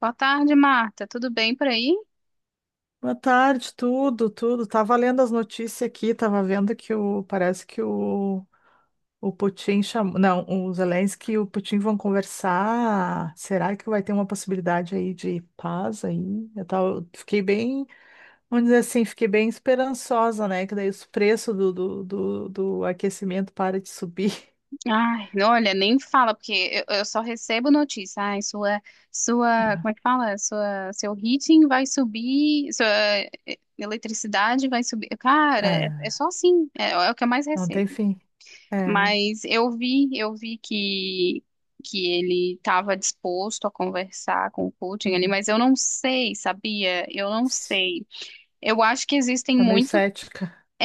Boa tarde, Marta. Tudo bem por aí? Boa tarde, tudo. Tava lendo as notícias aqui, tava vendo que o parece que o Putin chamou, não, o Zelensky e o Putin vão conversar. Será que vai ter uma possibilidade aí de paz aí? Fiquei bem, vamos dizer assim, fiquei bem esperançosa, né? Que daí os preços do aquecimento para de subir. Ai, olha, nem fala, porque eu só recebo notícia. Ai, como é que fala? Sua, seu heating vai subir, sua eh, eletricidade vai subir. Cara, é só Ah, assim, é o que eu mais não tem recebo. fim. É. Mas eu vi que ele estava disposto a conversar com o Putin ali, Uhum. mas eu não sei, sabia? Eu não sei. Eu acho que existem Tá meio muitos. cética. É,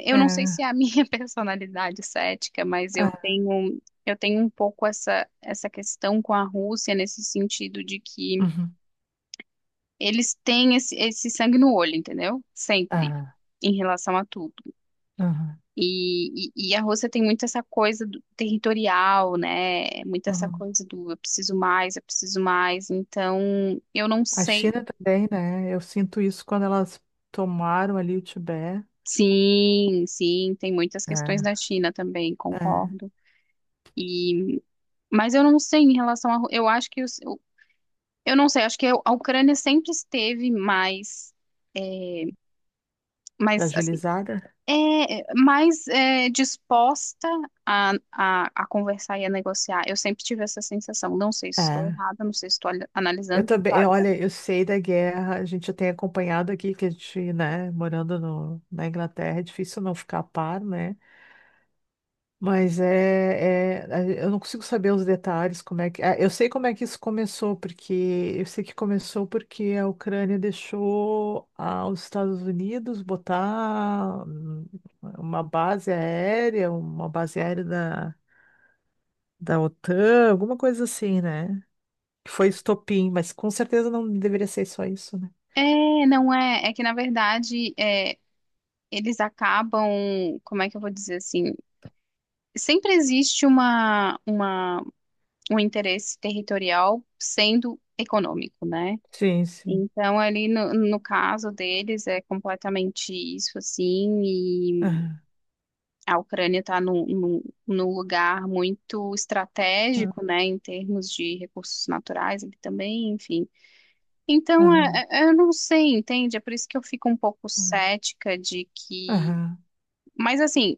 é, eu É. não sei se é a minha personalidade cética, mas Ah, eu tenho um pouco essa questão com a Rússia nesse sentido de que uhum. eles têm esse sangue no olho, entendeu? Sempre Ah, em relação a tudo. uhum. E a Rússia tem muito essa coisa do territorial, né? Muito essa Uhum. coisa do eu preciso mais, eu preciso mais. Então, eu não A sei. China também, né? Eu sinto isso quando elas tomaram ali o Tibete. Sim, sim, tem muitas questões É, da China também, é, concordo. Mas eu não sei em relação a. Ru- Eu acho que. Os- eu não sei, acho que a Ucrânia sempre esteve mais. Mais, assim. fragilizada. É, mais é, disposta a conversar e a negociar. Eu sempre tive essa sensação. Não sei se estou É. errada, não sei se estou ali- Eu analisando o que também, falta. olha, eu sei da guerra, a gente já tem acompanhado aqui que a gente, né, morando no, na Inglaterra, é difícil não ficar a par, né? Mas eu não consigo saber os detalhes, como é que eu sei como é que isso começou, porque eu sei que começou porque a Ucrânia deixou os Estados Unidos botar uma base aérea da OTAN, alguma coisa assim, né? Que foi estopim, mas com certeza não deveria ser só isso, né? É, não é. É que, na verdade, eles acabam. Como é que eu vou dizer assim? Sempre existe um interesse territorial sendo econômico, né? Sim, sim. Então, ali no caso deles, é completamente isso, assim, e Aham, a Ucrânia está num lugar muito estratégico, né, em termos de recursos naturais ali também, enfim. Então, aham, eu não sei, entende? É por isso que eu fico um pouco cética de que. aham. Mas, assim,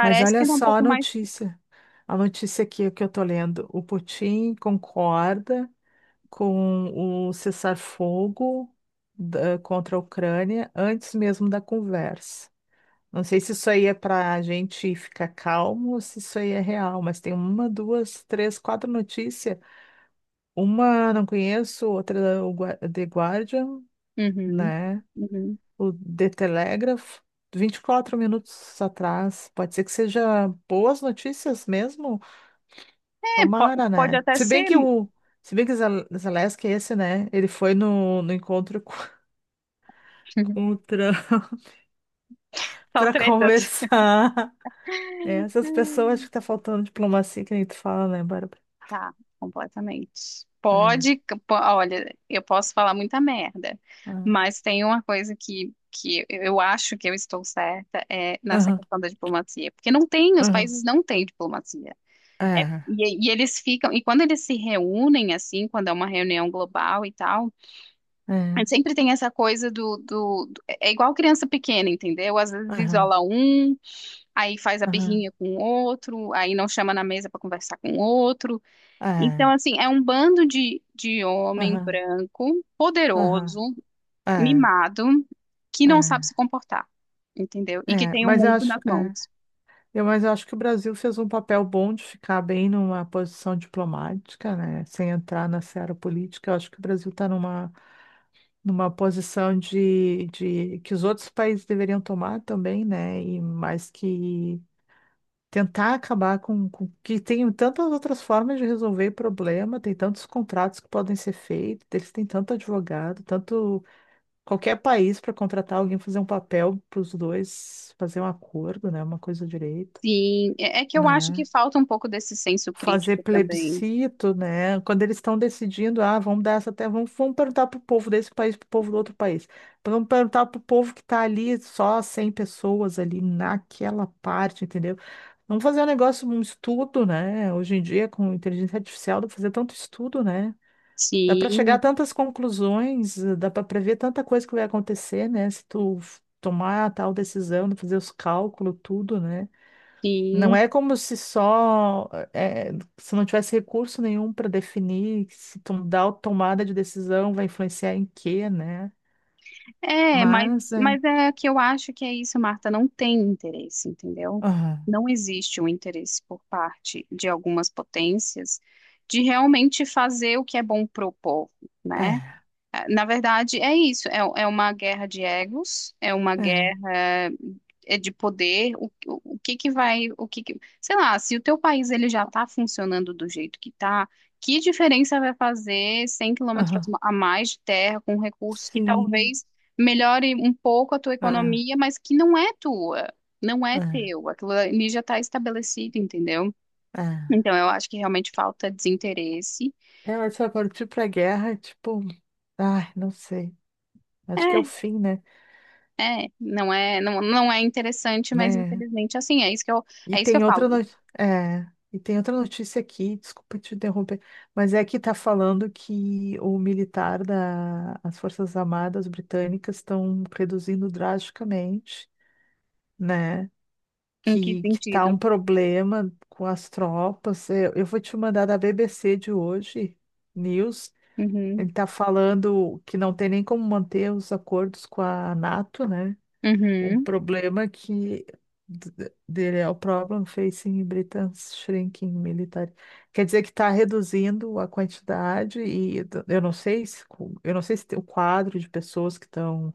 Mas olha que dá um só a pouco mais. notícia. A notícia aqui é que eu tô lendo. O Putin concorda com o cessar-fogo contra a Ucrânia antes mesmo da conversa. Não sei se isso aí é para a gente ficar calmo ou se isso aí é real, mas tem uma, duas, três, quatro notícias. Uma não conheço, outra o The Guardian, Uhum, né? uhum. O The Telegraph. 24 minutos atrás. Pode ser que seja boas notícias mesmo? É, po- Tomara, pode né? até ser Se bem que o Zelensky, esse, né? Ele foi no encontro com com o Trump só pra tretas. conversar. É, essas pessoas acho que tá faltando diplomacia, que nem tu fala, né, Bárbara? Tá, completamente. É. Pode, po- olha, eu posso falar muita merda, Ah, mas tem uma coisa que eu acho que eu estou certa é nessa aham, questão da diplomacia, porque não tem, os aham. países não têm diplomacia. É. Eles ficam, e quando eles se reúnem, assim, quando é uma reunião global e tal, É. sempre tem essa coisa é igual criança pequena, entendeu? Às vezes Aham, isola um, aí faz a aham. birrinha com o outro, aí não chama na mesa para conversar com o outro. Então, É. assim, é um bando de homem Aham, branco, poderoso, aham. É. mimado, que não sabe É. se comportar, entendeu? E que É. tem o Mas eu mundo acho. nas É. mãos. Eu, mas eu acho que o Brasil fez um papel bom de ficar bem numa posição diplomática, né? Sem entrar na seara política. Eu acho que o Brasil está numa posição de que os outros países deveriam tomar também, né? E mais que tentar acabar com que tem tantas outras formas de resolver problema, tem tantos contratos que podem ser feitos, eles têm tanto advogado, tanto qualquer país para contratar alguém fazer um papel para os dois, fazer um acordo, né? Uma coisa direito, Sim, é é que eu acho que né? falta um pouco desse senso Fazer crítico também. plebiscito, né? Quando eles estão decidindo, ah, vamos dar essa terra, vamos perguntar para o povo desse país, para o povo do outro país. Vamos perguntar para o povo que está ali, só 100 pessoas ali naquela parte, entendeu? Vamos fazer um negócio, um estudo, né? Hoje em dia, com inteligência artificial, dá para fazer tanto estudo, né? Dá para chegar a Sim, tantas conclusões, dá para prever tanta coisa que vai acontecer, né? Se tomar a tal decisão, fazer os cálculos, tudo, né? Não sim. é como se só eh, eh, se não tivesse recurso nenhum para definir se tu dá a tomada de decisão vai influenciar em quê, né? É, Mas é, mas é que eu acho que é isso, Marta, não tem interesse, entendeu? aham, Não existe um interesse por parte de algumas potências de realmente fazer o que é bom pro povo, né? é, Na verdade, é isso. É, é uma guerra de egos, é uma é, guerra é, de poder. O que que vai, o que que- sei lá, se o teu país ele já está funcionando do jeito que está, que diferença vai fazer 100 quilômetros aham, a mais de terra com recursos que sim, talvez melhore um pouco a tua é, economia, mas que não é tua, não é é, teu. Aquilo ali já está estabelecido, entendeu? é. Então, eu acho que realmente falta desinteresse. É, mas se eu partir para guerra, é tipo, ai, não sei. Acho que é o É, fim, né? é, não é, não, não é interessante, mas Né? infelizmente assim, é isso E é isso que eu tem falo. outra no... é, E tem outra notícia aqui, desculpa te interromper, mas é que está falando que o militar da as Forças Armadas Britânicas estão reduzindo drasticamente, né? Em que Que tá um sentido? problema com as tropas. Eu vou te mandar da BBC de hoje, News. Ele Uhum, está falando que não tem nem como manter os acordos com a NATO, né? Um uhum, problema que dele é o problem facing Britain's shrinking military. Quer dizer que está reduzindo a quantidade e eu não sei se co- eu não sei se tem o quadro de pessoas que estão,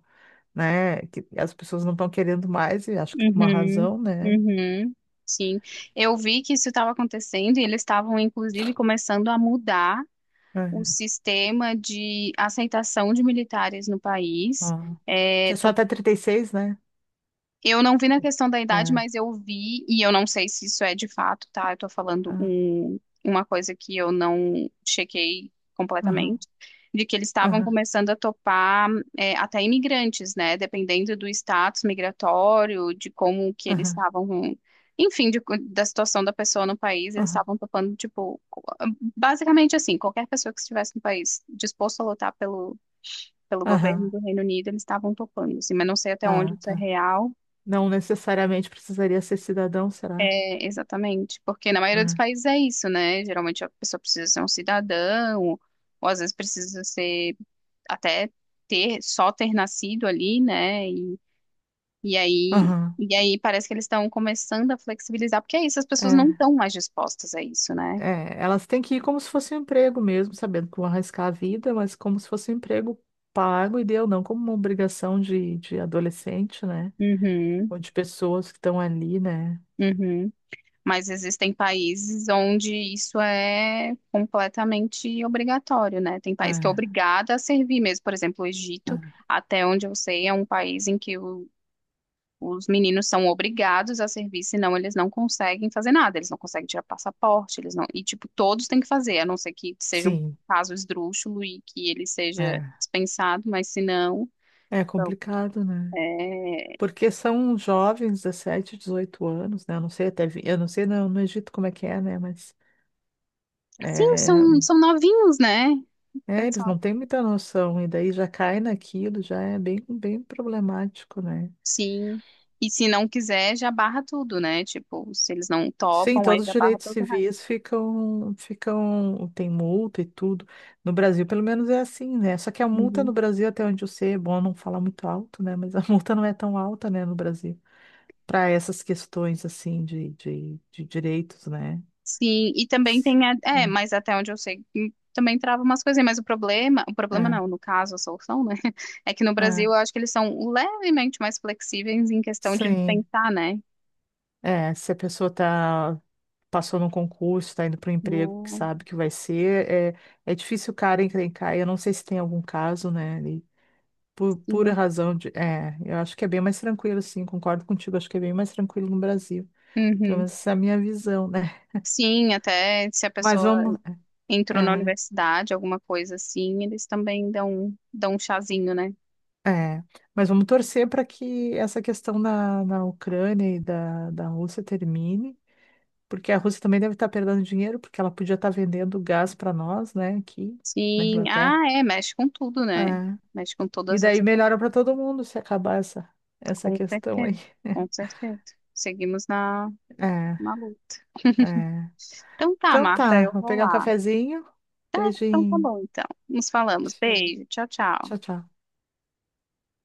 né, que as pessoas não estão querendo mais e acho que com uma uhum, razão, né? uhum. Sim. Eu vi que isso estava acontecendo e eles estavam inclusive começando a mudar o É. sistema de aceitação de militares no país. Ah. Que é só até 36 né? Eu não vi na questão da idade, É. mas eu vi, e eu não sei se isso é de fato, tá? Eu tô falando Ah, um- uma coisa que eu não chequei aham, completamente, de que eles estavam aham, começando a topar é, até imigrantes, né? Dependendo do status migratório, de como que eles aham, estavam, enfim, de co- da situação da pessoa no país, eles aham, estavam topando, tipo, co- basicamente assim, qualquer pessoa que estivesse no país disposto a lutar pelo, pelo governo aham. do Reino Unido, eles estavam topando, assim, mas não sei até onde Ah, isso é tá. real. Não necessariamente precisaria ser cidadão, será? É, exatamente, porque na maioria dos É. países é isso, né? Geralmente a pessoa precisa ser um cidadão, ou às vezes precisa ser até ter só ter nascido ali, né? Aham, E aí parece que eles estão começando a flexibilizar, porque é isso, as pessoas não é. estão mais dispostas a isso, né? É, elas têm que ir como se fosse um emprego mesmo, sabendo que vão arriscar a vida, mas como se fosse um emprego pago e deu, não como uma obrigação de adolescente, né? Uhum, Ou de pessoas que estão ali, né? uhum. Mas existem países onde isso é completamente obrigatório, né? Tem país que é É, obrigado a servir mesmo, por exemplo, o Egito, é. até onde eu sei, é um país em que os meninos são obrigados a servir, senão eles não conseguem fazer nada, eles não conseguem tirar passaporte, eles não. E, tipo, todos têm que fazer, a não ser que seja um Sim, caso esdrúxulo e que ele seja é. dispensado, mas se não. É Então, complicado, né? é... Porque são jovens, 17, 18 anos, né? Eu não sei eu não sei não, no Egito como é que é, né? Mas Sim, é, são, são novinhos, né? é, eles Pessoal, não têm muita noção e daí já cai naquilo, já é bem, bem problemático, né? sim. E se não quiser, já barra tudo, né? Tipo, se eles não Sim, topam, aí todos os já barra direitos todo o resto. civis ficam, tem multa e tudo. No Brasil, pelo menos é assim, né? Só que a multa no Uhum. Brasil, até onde eu sei, é bom não falar muito alto, né? Mas a multa não é tão alta, né, no Brasil, para essas questões assim de direitos, né? Sim, e também tem, a- é, É, mas até onde eu sei, também trava umas coisinhas, mas o problema é, não, no caso, a solução, né, é que no Brasil é. eu acho que eles são levemente mais flexíveis em questão de Sim. dispensar, né? É, se a pessoa passou num concurso, está indo para um emprego que Hum, sabe que vai ser, é difícil o cara encrencar. Eu não sei se tem algum caso, né? Por pura sim, razão de. É, eu acho que é bem mais tranquilo, sim, concordo contigo, acho que é bem mais tranquilo no Brasil. Pelo uhum. menos essa é a minha visão, né? Sim, até se a Mas pessoa vamos. entrou na É, universidade, alguma coisa assim, eles também dão, dão um chazinho, né? é, mas vamos torcer para que essa questão na Ucrânia e da Rússia termine, porque a Rússia também deve estar perdendo dinheiro, porque ela podia estar vendendo gás para nós, né, aqui na Sim, ah, Inglaterra. é, mexe com tudo, É. né? Mexe com E todas as daí economias, melhora para todo mundo se acabar essa com questão aí. certeza, com certeza. Seguimos na, É, na luta. é. Então tá, Então Marta, tá, eu vou vou pegar um lá. cafezinho. Então tá Beijinho. bom, então. Nos falamos. Beijo. 是，ciao Tchau, tchau. ciao。